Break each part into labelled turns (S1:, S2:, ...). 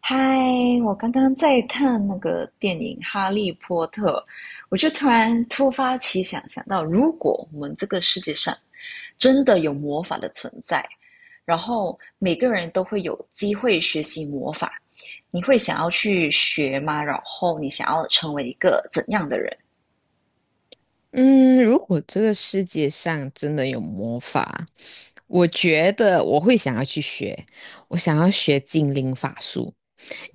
S1: 嗨，我刚刚在看那个电影《哈利波特》，我就突然突发奇想，想到如果我们这个世界上真的有魔法的存在，然后每个人都会有机会学习魔法，你会想要去学吗？然后你想要成为一个怎样的人？
S2: 嗯，如果这个世界上真的有魔法，我觉得我会想要去学，我想要学精灵法术。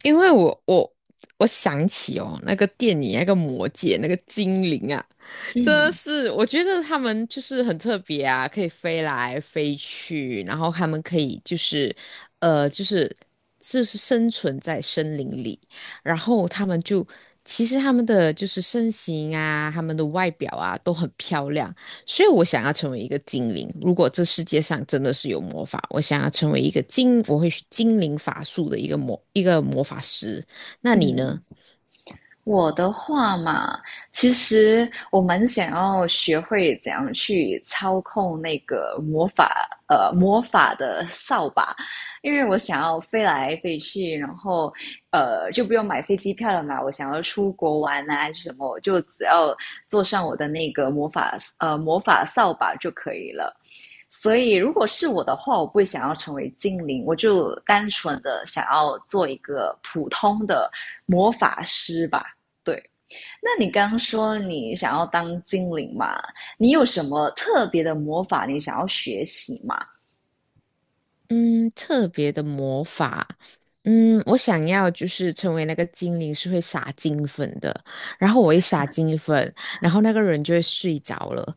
S2: 因为我想起哦，那个电影那个魔戒那个精灵啊，真的
S1: 嗯。
S2: 是我觉得他们就是很特别啊，可以飞来飞去，然后他们可以呃就是就是生存在森林里，然后他们就其实他们的就是身形啊，他们的外表啊都很漂亮，所以我想要成为一个精灵。如果这世界上真的是有魔法，我想要成为一个精，我会精灵法术的一个一个魔法师。那你呢？
S1: 嗯，我的话嘛，其实我蛮想要学会怎样去操控那个魔法，魔法的扫把，因为我想要飞来飞去，然后就不用买飞机票了嘛。我想要出国玩啊，什么，我就只要坐上我的那个魔法，魔法扫把就可以了。所以，如果是我的话，我不会想要成为精灵，我就单纯的想要做一个普通的魔法师吧。对，那你刚说你想要当精灵嘛？你有什么特别的魔法你想要学习吗？
S2: 嗯，特别的魔法。嗯，我想要就是成为那个精灵，是会撒金粉的。然后我一撒金粉，然后那个人就会睡着了。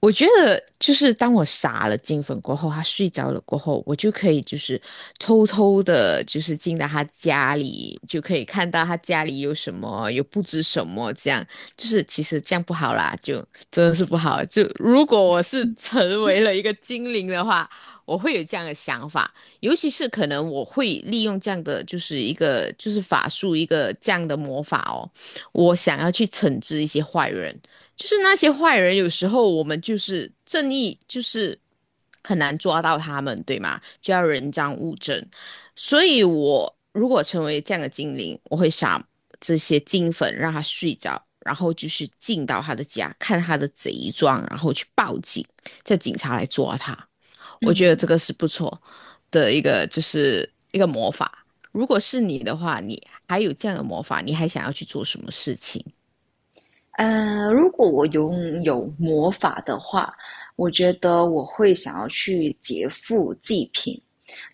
S2: 我觉得就是当我撒了金粉过后，他睡着了过后，我就可以就是偷偷的，就是进到他家里，就可以看到他家里有什么，有布置什么，这样就是其实这样不好啦，就真的是不好。就如果我是成为了一个精灵的话。我会有这样的想法，尤其是可能我会利用这样的就是一个就是法术这样的魔法哦，我想要去惩治一些坏人，就是那些坏人有时候我们就是正义就是很难抓到他们，对吗？就要人赃物证，所以我如果成为这样的精灵，我会想这些金粉让他睡着。然后就是进到他的家，看他的贼状，然后去报警，叫警察来抓他。我觉得这
S1: 嗯。
S2: 个是不错的一个，就是一个魔法。如果是你的话，你还有这样的魔法，你还想要去做什么事情？
S1: 如果我拥有魔法的话，我觉得我会想要去劫富济贫，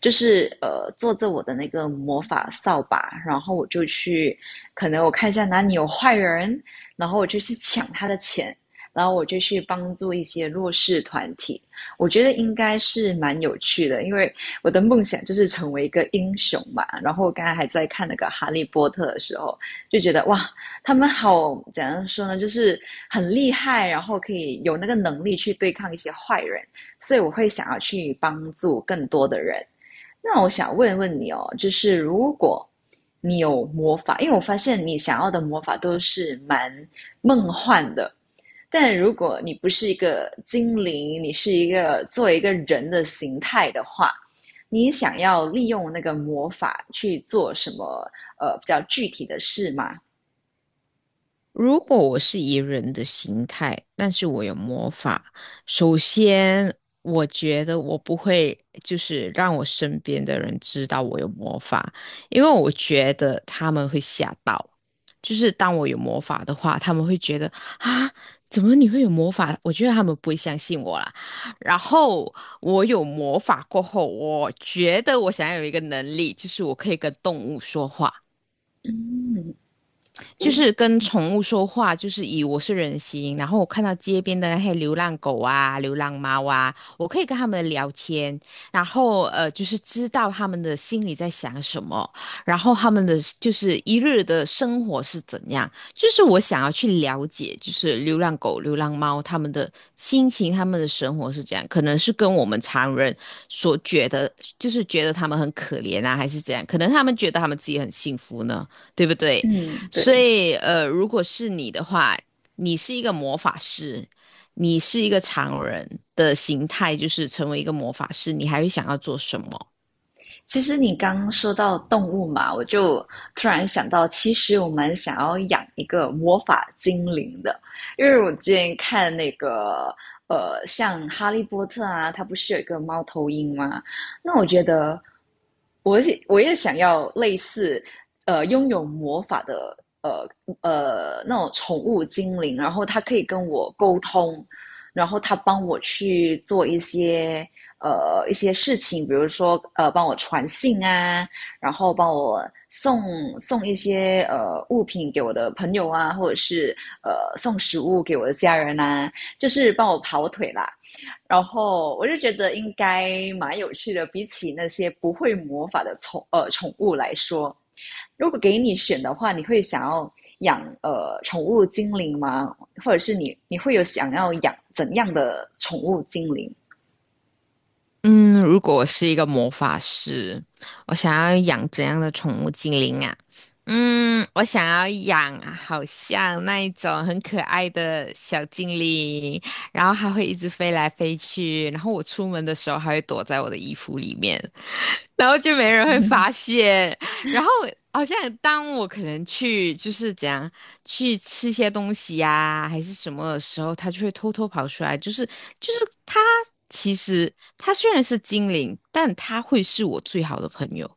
S1: 就是坐着我的那个魔法扫把，然后我就去，可能我看一下哪里有坏人，然后我就去抢他的钱，然后我就去帮助一些弱势团体。我觉得应该是蛮有趣的，因为我的梦想就是成为一个英雄嘛。然后我刚才还在看那个《哈利波特》的时候，就觉得哇，他们好怎样说呢？就是很厉害，然后可以有那个能力去对抗一些坏人，所以我会想要去帮助更多的人。那我想问问你哦，就是如果你有魔法，因为我发现你想要的魔法都是蛮梦幻的，但如果你不是一个精灵，你是一个作为一个人的形态的话，你想要利用那个魔法去做什么？呃，比较具体的事吗？
S2: 如果我是以人的形态，但是我有魔法，首先我觉得我不会就是让我身边的人知道我有魔法，因为我觉得他们会吓到。就是当我有魔法的话，他们会觉得啊，怎么你会有魔法？我觉得他们不会相信我啦。然后我有魔法过后，我觉得我想要有一个能力，就是我可以跟动物说话。
S1: 嗯，
S2: 就是跟宠物说话，就是以我是人形，然后我看到街边的那些流浪狗啊、流浪猫啊，我可以跟他们聊天，然后就是知道他们的心里在想什么，然后他们的就是一日的生活是怎样，就是我想要去了解，就是流浪狗、流浪猫他们的心情、他们的生活是怎样，可能是跟我们常人所觉得，就是觉得他们很可怜啊，还是怎样，可能他们觉得他们自己很幸福呢，对不对？
S1: 嗯，
S2: 所
S1: 对。
S2: 以，如果是你的话，你是一个魔法师，你是一个常人的形态，就是成为一个魔法师，你还会想要做什么？
S1: 其实你刚刚说到动物嘛，我就突然想到，其实我们想要养一个魔法精灵的，因为我之前看那个像《哈利波特》啊，它不是有一个猫头鹰吗？那我觉得我也想要类似拥有魔法的那种宠物精灵，然后它可以跟我沟通，然后它帮我去做一些一些事情，比如说帮我传信啊，然后帮我送一些物品给我的朋友啊，或者是送食物给我的家人啊，就是帮我跑腿啦。然后我就觉得应该蛮有趣的，比起那些不会魔法的宠物来说，如果给你选的话，你会想要养宠物精灵吗？或者是你会有想要养怎样的宠物精灵？
S2: 嗯，如果我是一个魔法师，我想要养怎样的宠物精灵啊？嗯，我想要养啊好像那一种很可爱的小精灵，然后它会一直飞来飞去，然后我出门的时候还会躲在我的衣服里面，然后就没人会发现。然后好像当我可能去就是怎样去吃些东西呀、还是什么的时候，它就会偷偷跑出来。就是它其实它虽然是精灵，但它会是我最好的朋友。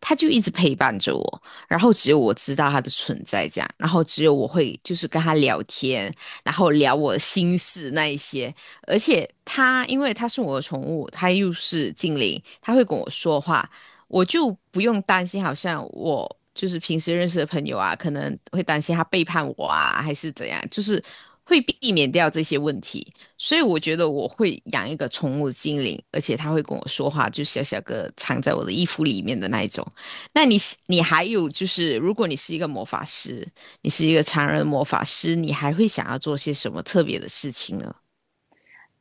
S2: 他就一直陪伴着我，然后只有我知道他的存在，这样，然后只有我会就是跟他聊天，然后聊我的心事那一些，而且他因为他是我的宠物，他又是精灵，他会跟我说话，我就不用担心，好像我就是平时认识的朋友啊，可能会担心他背叛我啊，还是怎样，就是会避免掉这些问题。所以我觉得我会养一个宠物精灵，而且他会跟我说话，就小小个藏在我的衣服里面的那一种。那你是你还有就是，如果你是一个魔法师，你是一个常人魔法师，你还会想要做些什么特别的事情呢？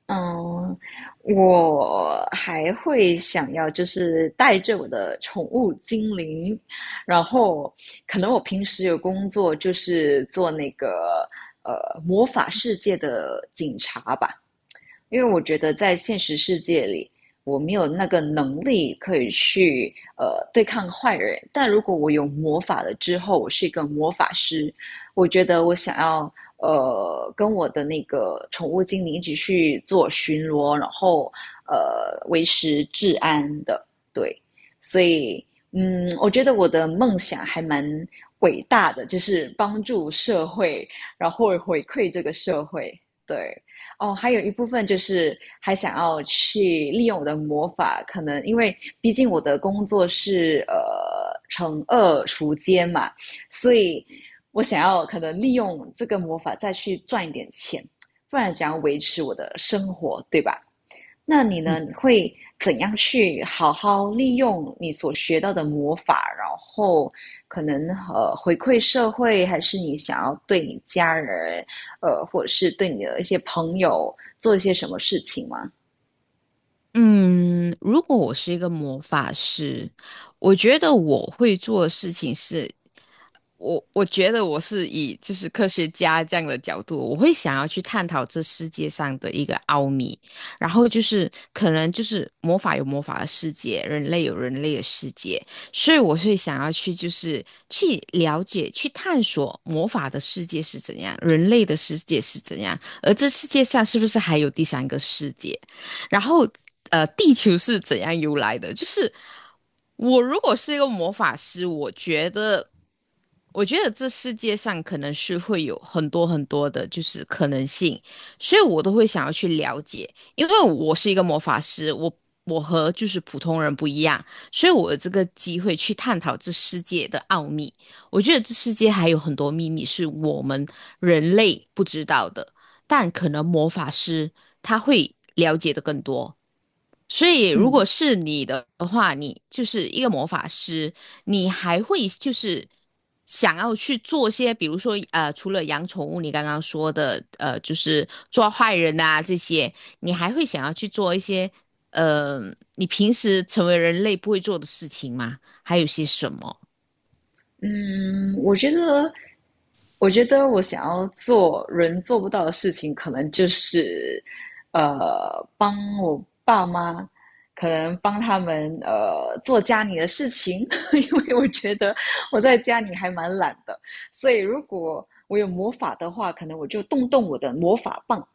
S1: 嗯，我还会想要就是带着我的宠物精灵，然后可能我平时有工作就是做那个魔法世界的警察吧，因为我觉得在现实世界里，我没有那个能力可以去对抗坏人。但如果我有魔法了之后，我是一个魔法师，我觉得我想要跟我的那个宠物精灵一起去做巡逻，然后维持治安的，对，所以。嗯，我觉得我的梦想还蛮伟大的，就是帮助社会，然后回馈这个社会。对，哦，还有一部分就是还想要去利用我的魔法，可能因为毕竟我的工作是惩恶除奸嘛，所以我想要可能利用这个魔法再去赚一点钱，不然怎样维持我的生活，对吧？那你呢？你会怎样去好好利用你所学到的魔法，然后可能回馈社会，还是你想要对你家人，呃，或者是对你的一些朋友做一些什么事情吗？
S2: 嗯，如果我是一个魔法师，我觉得我会做的事情是我觉得我是以就是科学家这样的角度，我会想要去探讨这世界上的一个奥秘，然后就是可能就是魔法有魔法的世界，人类有人类的世界，所以我会想要去就是去了解、去探索魔法的世界是怎样，人类的世界是怎样，而这世界上是不是还有第三个世界？然后，地球是怎样由来的？就是我如果是一个魔法师，我觉得，我觉得这世界上可能是会有很多很多的，就是可能性，所以我都会想要去了解，因为我是一个魔法师，我和就是普通人不一样，所以我有这个机会去探讨这世界的奥秘。我觉得这世界还有很多秘密是我们人类不知道的。但可能魔法师他会了解的更多。所以，如果
S1: 嗯。
S2: 是你的话，你就是一个魔法师，你还会就是想要去做些，比如说除了养宠物，你刚刚说的就是抓坏人啊这些，你还会想要去做一些呃，你平时成为人类不会做的事情吗？还有些什么？
S1: 嗯，我觉得我想要做人做不到的事情，可能就是，呃，帮我爸妈，可能帮他们做家里的事情，因为我觉得我在家里还蛮懒的，所以如果我有魔法的话，可能我就动动我的魔法棒，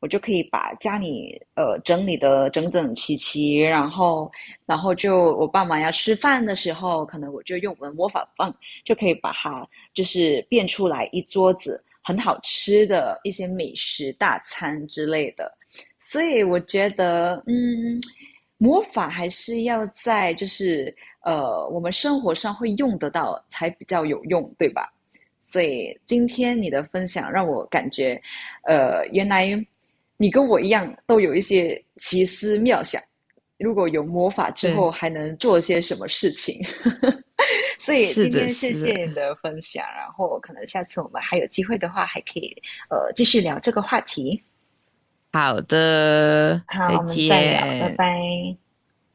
S1: 我就可以把家里整理的整整齐齐，然后就我爸妈要吃饭的时候，可能我就用我的魔法棒就可以把它就是变出来一桌子很好吃的一些美食大餐之类的。所以我觉得，嗯，魔法还是要在就是我们生活上会用得到才比较有用，对吧？所以今天你的分享让我感觉呃，原来你跟我一样都有一些奇思妙想，如果有魔法之后
S2: 对，
S1: 还能做些什么事情？所以
S2: 是
S1: 今
S2: 的，
S1: 天谢
S2: 是
S1: 谢你
S2: 的。
S1: 的分享，然后可能下次我们还有机会的话，还可以继续聊这个话题。
S2: 好的，
S1: 好，
S2: 再
S1: 我们再聊，拜
S2: 见。
S1: 拜。